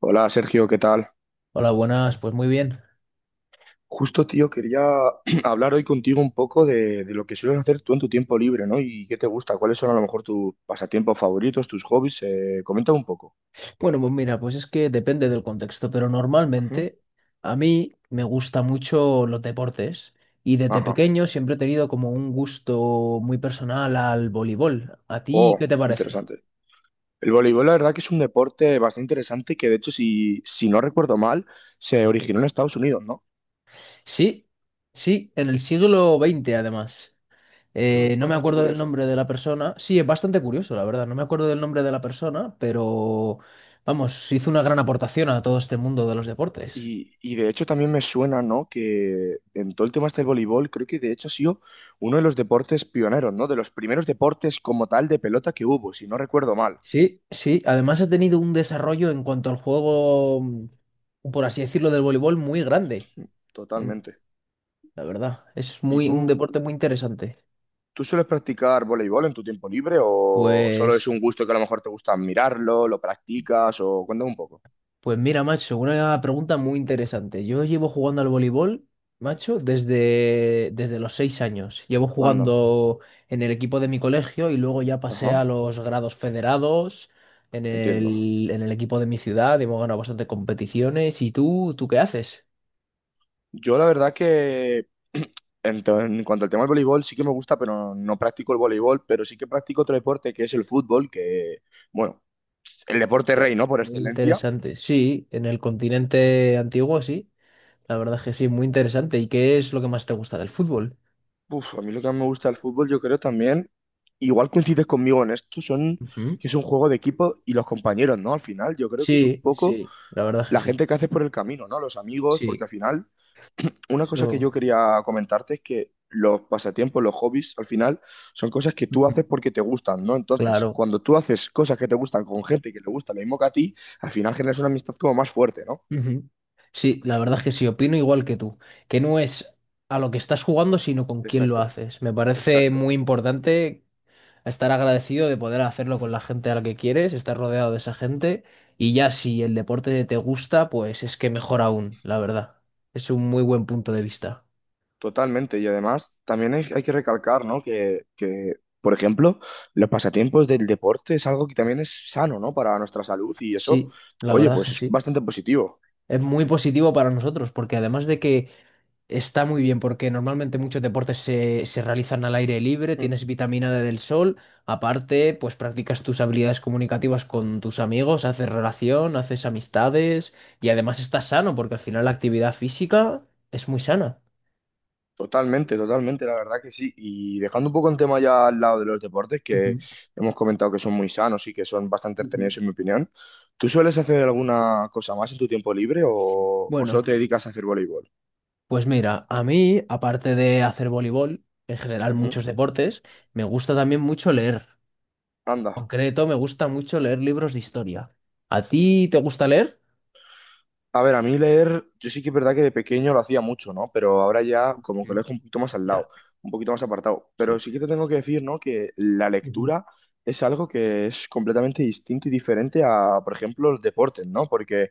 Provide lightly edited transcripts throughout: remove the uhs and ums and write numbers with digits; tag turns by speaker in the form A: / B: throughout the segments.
A: Hola Sergio, ¿qué tal?
B: Hola, buenas, pues muy bien.
A: Justo, tío, quería hablar hoy contigo un poco de lo que sueles hacer tú en tu tiempo libre, ¿no? ¿Y qué te gusta? ¿Cuáles son a lo mejor tus pasatiempos favoritos, tus hobbies? Comenta un poco.
B: Bueno, pues mira, pues es que depende del contexto, pero
A: Ujú.
B: normalmente a mí me gustan mucho los deportes y desde
A: Ajá.
B: pequeño siempre he tenido como un gusto muy personal al voleibol. ¿A ti
A: Oh,
B: qué te parece?
A: interesante. El voleibol, la verdad que es un deporte bastante interesante que, de hecho, si no recuerdo mal, se originó en Estados Unidos, ¿no?
B: Sí, sí, en el siglo XX además.
A: Eso es
B: No me
A: bastante
B: acuerdo del
A: curioso.
B: nombre de la persona. Sí, es bastante curioso, la verdad. No me acuerdo del nombre de la persona, pero vamos, hizo una gran aportación a todo este mundo de los deportes.
A: Y de hecho también me suena, ¿no? Que en todo el tema este del voleibol, creo que de hecho ha sido uno de los deportes pioneros, ¿no? De los primeros deportes como tal de pelota que hubo, si no recuerdo mal.
B: Sí, sí. Además ha tenido un desarrollo en cuanto al juego, por así decirlo, del voleibol muy grande.
A: Mm.
B: en-
A: Totalmente.
B: La verdad, es
A: ¿Y
B: muy un
A: tú,
B: deporte muy interesante.
A: tú sueles practicar voleibol en tu tiempo libre o solo es
B: Pues,
A: un gusto que a lo mejor te gusta mirarlo, lo practicas o cuéntame un poco?
B: pues mira, macho, una pregunta muy interesante. Yo llevo jugando al voleibol, macho, desde los 6 años. Llevo
A: Anda.
B: jugando en el equipo de mi colegio y luego ya pasé a
A: Ajá,
B: los grados federados en
A: entiendo.
B: el, en el equipo de mi ciudad. Hemos ganado bastantes competiciones. ¿Y tú qué haces?
A: Yo la verdad que en cuanto al tema del voleibol sí que me gusta, pero no practico el voleibol, pero sí que practico otro deporte que es el fútbol, que bueno, el deporte
B: Ya,
A: rey, ¿no? Por
B: muy
A: excelencia.
B: interesante. Sí, en el continente antiguo, sí. La verdad es que sí, muy interesante. ¿Y qué es lo que más te gusta del fútbol?
A: Uf, a mí lo que más me gusta del fútbol, yo creo también, igual coincides conmigo en esto, son
B: Ujú.
A: que es un juego de equipo y los compañeros, ¿no? Al final, yo creo que es un
B: Sí,
A: poco
B: sí, la verdad es
A: la
B: que sí.
A: gente que haces por el camino, ¿no? Los amigos, porque
B: Sí,
A: al final una cosa que
B: eso.
A: yo quería comentarte es que los pasatiempos, los hobbies, al final son cosas que tú
B: Ujú.
A: haces porque te gustan, ¿no? Entonces,
B: Claro.
A: cuando tú haces cosas que te gustan con gente que le gusta lo mismo que a ti, al final generas una amistad como más fuerte, ¿no?
B: Ujú. Sí, la verdad es que sí, opino igual que tú, que no es a lo que estás jugando, sino con quién lo
A: Exacto,
B: haces. Me parece
A: exacto,
B: muy importante a estar agradecido de poder hacerlo con la gente a la que quieres, estar rodeado de esa gente y ya si el deporte te gusta, pues es que mejor aún, la verdad. Es un muy buen punto de vista.
A: totalmente. Y además, también hay que recalcar, ¿no? Que, por ejemplo, los pasatiempos del deporte es algo que también es sano, ¿no? Para nuestra salud y eso,
B: Sí, la
A: oye,
B: verdad que
A: pues es
B: sí.
A: bastante positivo.
B: Es muy positivo para nosotros, porque además de que está muy bien, porque normalmente muchos deportes se realizan al aire libre,
A: Mm.
B: tienes vitamina D del sol, aparte, pues practicas tus habilidades comunicativas con tus amigos, haces relación, haces amistades y además estás sano, porque al final la actividad física es muy sana.
A: Totalmente, totalmente, la verdad que sí. Y dejando un poco el tema ya al lado de los deportes, que
B: Ujú.
A: hemos comentado que son muy sanos y que son bastante
B: Ujú.
A: entretenidos en mi opinión, ¿tú sueles hacer alguna cosa más en tu tiempo libre o solo
B: Bueno,
A: te dedicas a hacer voleibol?
B: pues mira, a mí, aparte de hacer voleibol, en general
A: Ujú.
B: muchos deportes, me gusta también mucho leer.
A: Anda.
B: Concreto, me gusta mucho leer libros de historia. ¿A ti te gusta leer?
A: A ver, a mí leer, yo sí que es verdad que de pequeño lo hacía mucho, ¿no? Pero ahora ya como que
B: Mm.
A: lo dejo un poquito más al
B: Ya,
A: lado, un poquito más apartado. Pero
B: sí.
A: sí que te tengo que decir, ¿no? Que la
B: Ujú,
A: lectura es algo que es completamente distinto y diferente a, por ejemplo, los deportes, ¿no? Porque...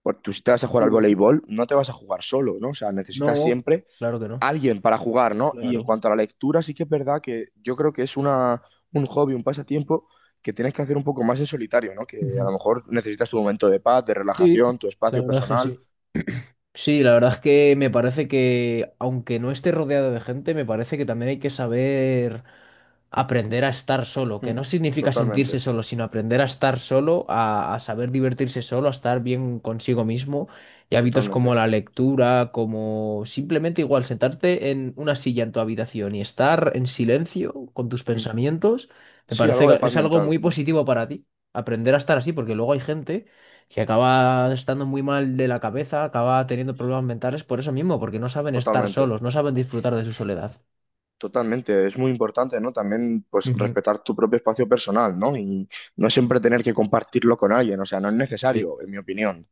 A: Pues tú si te vas a jugar al
B: sí.
A: voleibol, no te vas a jugar solo, ¿no? O sea, necesitas
B: No,
A: siempre
B: claro que no.
A: alguien para jugar, ¿no? Y en
B: Claro.
A: cuanto a la lectura, sí que es verdad que yo creo que es un hobby, un pasatiempo que tienes que hacer un poco más en solitario, ¿no? Que a
B: Ujú.
A: lo mejor necesitas tu momento de paz, de
B: Sí,
A: relajación, tu
B: la
A: espacio
B: verdad es que
A: personal.
B: sí. Sí, la verdad es que me parece que, aunque no esté rodeado de gente, me parece que también hay que saber. Aprender a estar solo, que
A: Mm,
B: no significa sentirse
A: totalmente,
B: solo, sino aprender a estar solo, a saber divertirse solo, a estar bien consigo mismo. Y hábitos como
A: totalmente.
B: la lectura, como simplemente igual sentarte en una silla en tu habitación y estar en silencio con tus
A: Mm,
B: pensamientos, me
A: sí,
B: parece
A: algo de
B: que
A: paz
B: es algo
A: mental.
B: muy
A: Mm.
B: positivo para ti. Aprender a estar así, porque luego hay gente que acaba estando muy mal de la cabeza, acaba teniendo problemas mentales por eso mismo, porque no saben estar
A: Totalmente.
B: solos, no saben disfrutar de su soledad.
A: Totalmente, es muy importante, ¿no? También, pues,
B: Ujú.
A: respetar tu propio espacio personal, ¿no? Y no siempre tener que compartirlo con alguien, o sea, no es
B: Sí.
A: necesario, en mi opinión.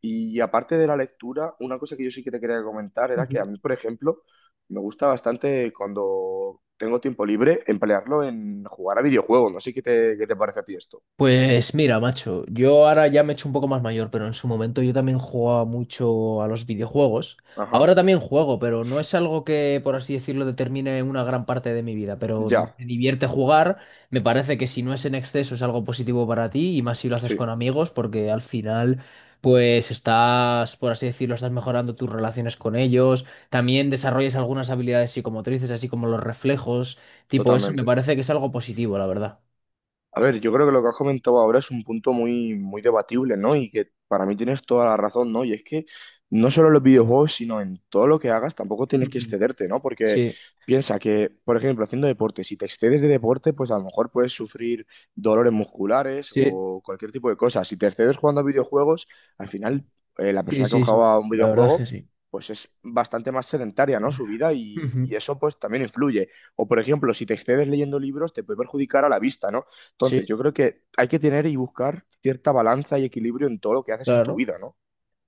A: Y aparte de la lectura, una cosa que yo sí que te quería comentar era que a
B: Ujú.
A: mí, por ejemplo, me gusta bastante cuando tengo tiempo libre emplearlo en jugar a videojuegos, no sé qué te parece a ti esto.
B: Pues mira, macho, yo ahora ya me he hecho un poco más mayor, pero en su momento yo también jugaba mucho a los videojuegos.
A: Ajá,
B: Ahora también juego, pero no es algo que, por así decirlo, determine una gran parte de mi vida. Pero
A: ya,
B: me divierte jugar, me parece que si no es en exceso es algo positivo para ti y más si lo haces
A: sí,
B: con amigos, porque al final, pues estás, por así decirlo, estás mejorando tus relaciones con ellos. También desarrollas algunas habilidades psicomotrices, así como los reflejos, tipo eso, me
A: totalmente.
B: parece que es algo positivo, la verdad.
A: A ver, yo creo que lo que has comentado ahora es un punto muy, muy debatible, ¿no? Y que para mí tienes toda la razón, ¿no? Y es que no solo en los videojuegos, sino en todo lo que hagas, tampoco tienes que excederte, ¿no? Porque
B: Sí.
A: piensa que, por ejemplo, haciendo deporte, si te excedes de deporte, pues a lo mejor puedes sufrir dolores musculares
B: Sí,
A: o cualquier tipo de cosa. Si te excedes jugando a videojuegos, al final la
B: sí,
A: persona que
B: sí, sí.
A: juega a un
B: La verdad es
A: videojuego,
B: que sí.
A: pues es bastante más sedentaria, ¿no? Su vida y
B: Ujú.
A: eso pues también influye. O por ejemplo, si te excedes leyendo libros, te puede perjudicar a la vista, ¿no? Entonces,
B: Sí,
A: yo creo que hay que tener y buscar cierta balanza y equilibrio en todo lo que haces en tu
B: claro.
A: vida, ¿no?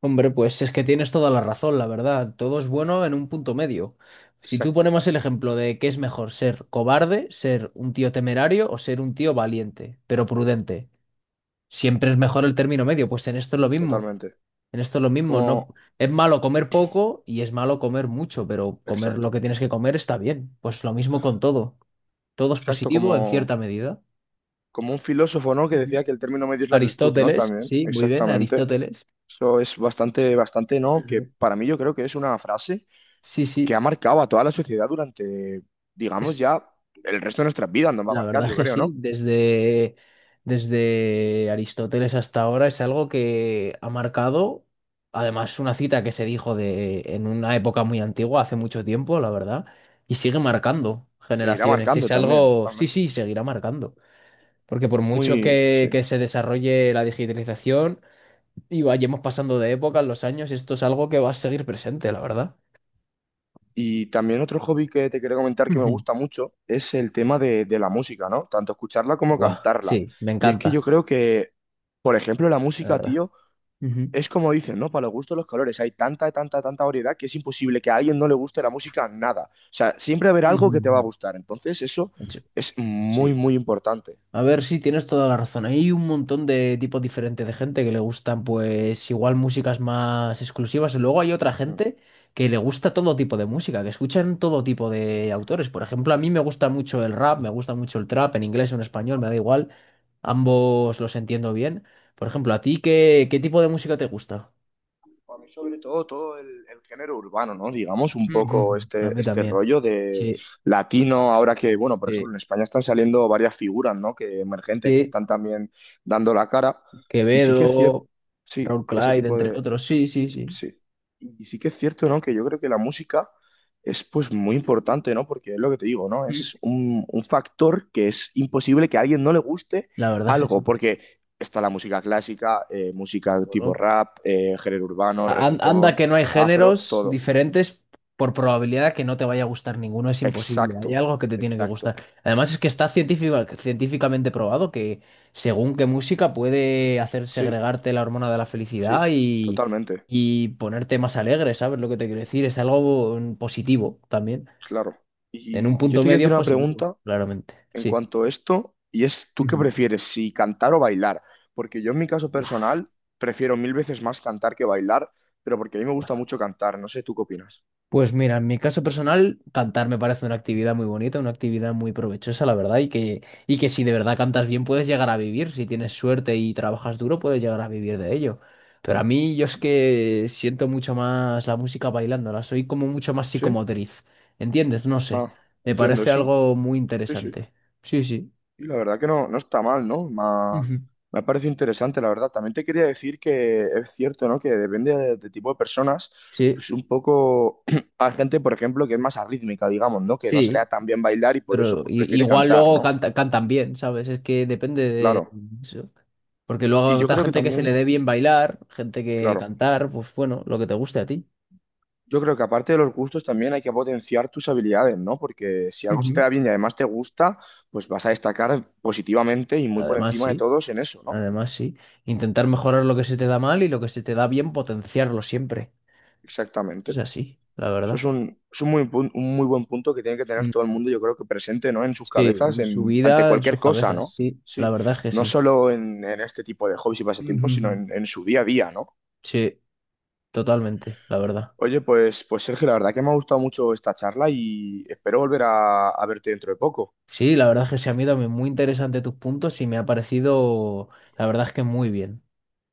B: Hombre, pues es que tienes toda la razón, la verdad. Todo es bueno en un punto medio. Si tú
A: Exacto,
B: ponemos el ejemplo de qué es mejor, ser cobarde, ser un tío temerario o ser un tío valiente, pero prudente. Siempre es mejor el término medio, pues en esto es lo mismo.
A: totalmente.
B: En esto es lo mismo. No,
A: Como,
B: es malo comer poco y es malo comer mucho, pero comer lo
A: exacto,
B: que tienes que comer está bien. Pues lo mismo con todo. Todo es
A: exacto,
B: positivo en
A: como,
B: cierta medida.
A: como un filósofo, ¿no? Que decía que el término medio es la virtud, ¿no?
B: Aristóteles,
A: También,
B: sí, muy bien,
A: exactamente.
B: Aristóteles.
A: Eso es bastante, bastante, ¿no? Que
B: Ujú.
A: para mí yo creo que es una frase
B: Sí,
A: que
B: sí,
A: ha marcado a toda la sociedad durante, digamos,
B: es
A: ya el resto de nuestras vidas nos va a
B: la
A: marcar,
B: verdad es
A: yo
B: que
A: creo,
B: sí,
A: ¿no?
B: desde Aristóteles hasta ahora es algo que ha marcado, además una cita que se dijo de en una época muy antigua, hace mucho tiempo, la verdad, y sigue marcando
A: Y seguirá
B: generaciones, y es
A: marcando también,
B: algo, sí,
A: totalmente,
B: sí,
A: sí, sí.
B: seguirá marcando, porque por mucho que,
A: Sí.
B: que se desarrolle la digitalización y vayamos pasando de época en los años, esto es algo que va a seguir presente, la verdad.
A: Y también otro hobby que te quería comentar que me gusta mucho es el tema de la música, ¿no? Tanto escucharla como
B: Guau, sí,
A: cantarla.
B: me
A: Y es
B: encanta,
A: que yo creo que, por ejemplo, la
B: la
A: música,
B: verdad.
A: tío,
B: Ujú,
A: es como dicen, ¿no? Para los gustos los colores. Hay tanta, tanta, tanta variedad que es imposible que a alguien no le guste la música nada. O sea, siempre habrá algo
B: ujú,
A: que te va a
B: ujú.
A: gustar. Entonces, eso
B: Sí.
A: es muy,
B: Sí.
A: muy importante.
B: A ver, sí, tienes toda la razón. Hay un montón de tipos diferentes de gente que le gustan, pues, igual músicas más exclusivas. Luego hay otra
A: Mm.
B: gente que le gusta todo tipo de música, que escuchan todo tipo de autores. Por ejemplo, a mí me gusta mucho el rap, me gusta mucho el trap, en inglés o en español, me da igual. Ambos los entiendo bien. Por ejemplo, ¿a ti qué tipo de música te gusta?
A: A mí sobre todo todo el género urbano, ¿no? Digamos un
B: Ujú, ujú.
A: poco
B: A
A: este,
B: mí
A: este
B: también.
A: rollo de
B: Sí,
A: latino, ahora que, bueno, por ejemplo,
B: sí.
A: en España están saliendo varias figuras, ¿no? Que emergentes que
B: Sí,
A: están también dando la cara. Y sí que es cierto,
B: Quevedo,
A: sí,
B: Raúl
A: ese
B: Clyde,
A: tipo
B: entre
A: de,
B: otros. Sí, sí, sí.
A: sí. Y sí que es cierto, ¿no? Que yo creo que la música es pues muy importante, ¿no? Porque es lo que te digo, ¿no?
B: Mm.
A: Es un factor que es imposible que a alguien no le guste
B: La verdad es que
A: algo,
B: sí.
A: porque está la música clásica, música tipo
B: Bueno,
A: rap, género urbano,
B: anda
A: reggaetón,
B: que no hay
A: afro,
B: géneros
A: todo.
B: diferentes por probabilidad que no te vaya a gustar ninguno, es imposible.
A: Exacto,
B: Hay algo que te tiene que
A: exacto.
B: gustar. Además es que está científicamente probado que según qué música puede hacer
A: Sí,
B: segregarte la hormona de la
A: sí,
B: felicidad y,
A: totalmente,
B: y ponerte más alegre, ¿sabes lo que te quiero decir? Es algo positivo también.
A: claro.
B: En
A: Y,
B: un
A: y yo
B: punto
A: te quiero
B: medio es
A: hacer una
B: positivo,
A: pregunta
B: claramente.
A: en
B: Sí.
A: cuanto a esto, y es tú qué
B: Ujú.
A: prefieres, si cantar o bailar, porque yo en mi caso personal prefiero mil veces más cantar que bailar, pero porque a mí me gusta mucho cantar, no sé, ¿tú qué opinas?
B: Pues mira, en mi caso personal, cantar me parece una actividad muy bonita, una actividad muy provechosa, la verdad, y que si de verdad cantas bien puedes llegar a vivir, si tienes suerte y trabajas duro puedes llegar a vivir de ello. Pero a mí yo es que siento mucho más la música bailándola, soy como mucho más
A: ¿Sí?
B: psicomotriz, ¿entiendes? No sé,
A: Ah,
B: me
A: entiendo,
B: parece
A: sí,
B: algo muy
A: sí, sí.
B: interesante. Sí, sí.
A: Y la verdad que no, no está mal, ¿no? Me ha,
B: Ujú.
A: me ha parecido interesante, la verdad. También te quería decir que es cierto, ¿no? Que depende de tipo de personas,
B: Sí,
A: pues un poco hay gente, por ejemplo, que es más arrítmica, digamos, ¿no? Que no se le
B: sí.
A: da tan bien bailar y por eso
B: Pero
A: pues prefiere
B: igual
A: cantar,
B: luego
A: ¿no?
B: cantan bien, ¿sabes? Es que depende de
A: Claro.
B: eso. Porque luego
A: Y yo
B: habrá
A: creo que
B: gente que se le
A: también,
B: dé bien bailar, gente que
A: claro.
B: cantar, pues bueno, lo que te guste a ti.
A: Yo creo que aparte de los gustos también hay que potenciar tus habilidades, ¿no? Porque si algo se te
B: Ujú.
A: da bien y además te gusta, pues vas a destacar positivamente y muy por
B: Además,
A: encima de
B: sí,
A: todos en eso, ¿no?
B: además, sí. Intentar mejorar lo que se te da mal y lo que se te da bien, potenciarlo siempre. Es
A: Exactamente.
B: así, la
A: Eso es
B: verdad.
A: un, es un un muy buen punto que tiene que tener
B: Mm.
A: todo el mundo, yo creo que presente, ¿no? En sus
B: Sí,
A: cabezas,
B: en su
A: ante
B: vida, en
A: cualquier
B: sus
A: cosa,
B: cabezas,
A: ¿no?
B: sí. La
A: Sí,
B: verdad es que
A: no
B: sí.
A: solo en este tipo de hobbies y pasatiempos, sino
B: Ujú.
A: en su día a día, ¿no?
B: Sí, totalmente, la verdad.
A: Oye, pues Sergio, la verdad que me ha gustado mucho esta charla y espero volver a verte dentro de poco.
B: Sí, la verdad es que se han ido muy interesante tus puntos y me ha parecido, la verdad es que muy bien.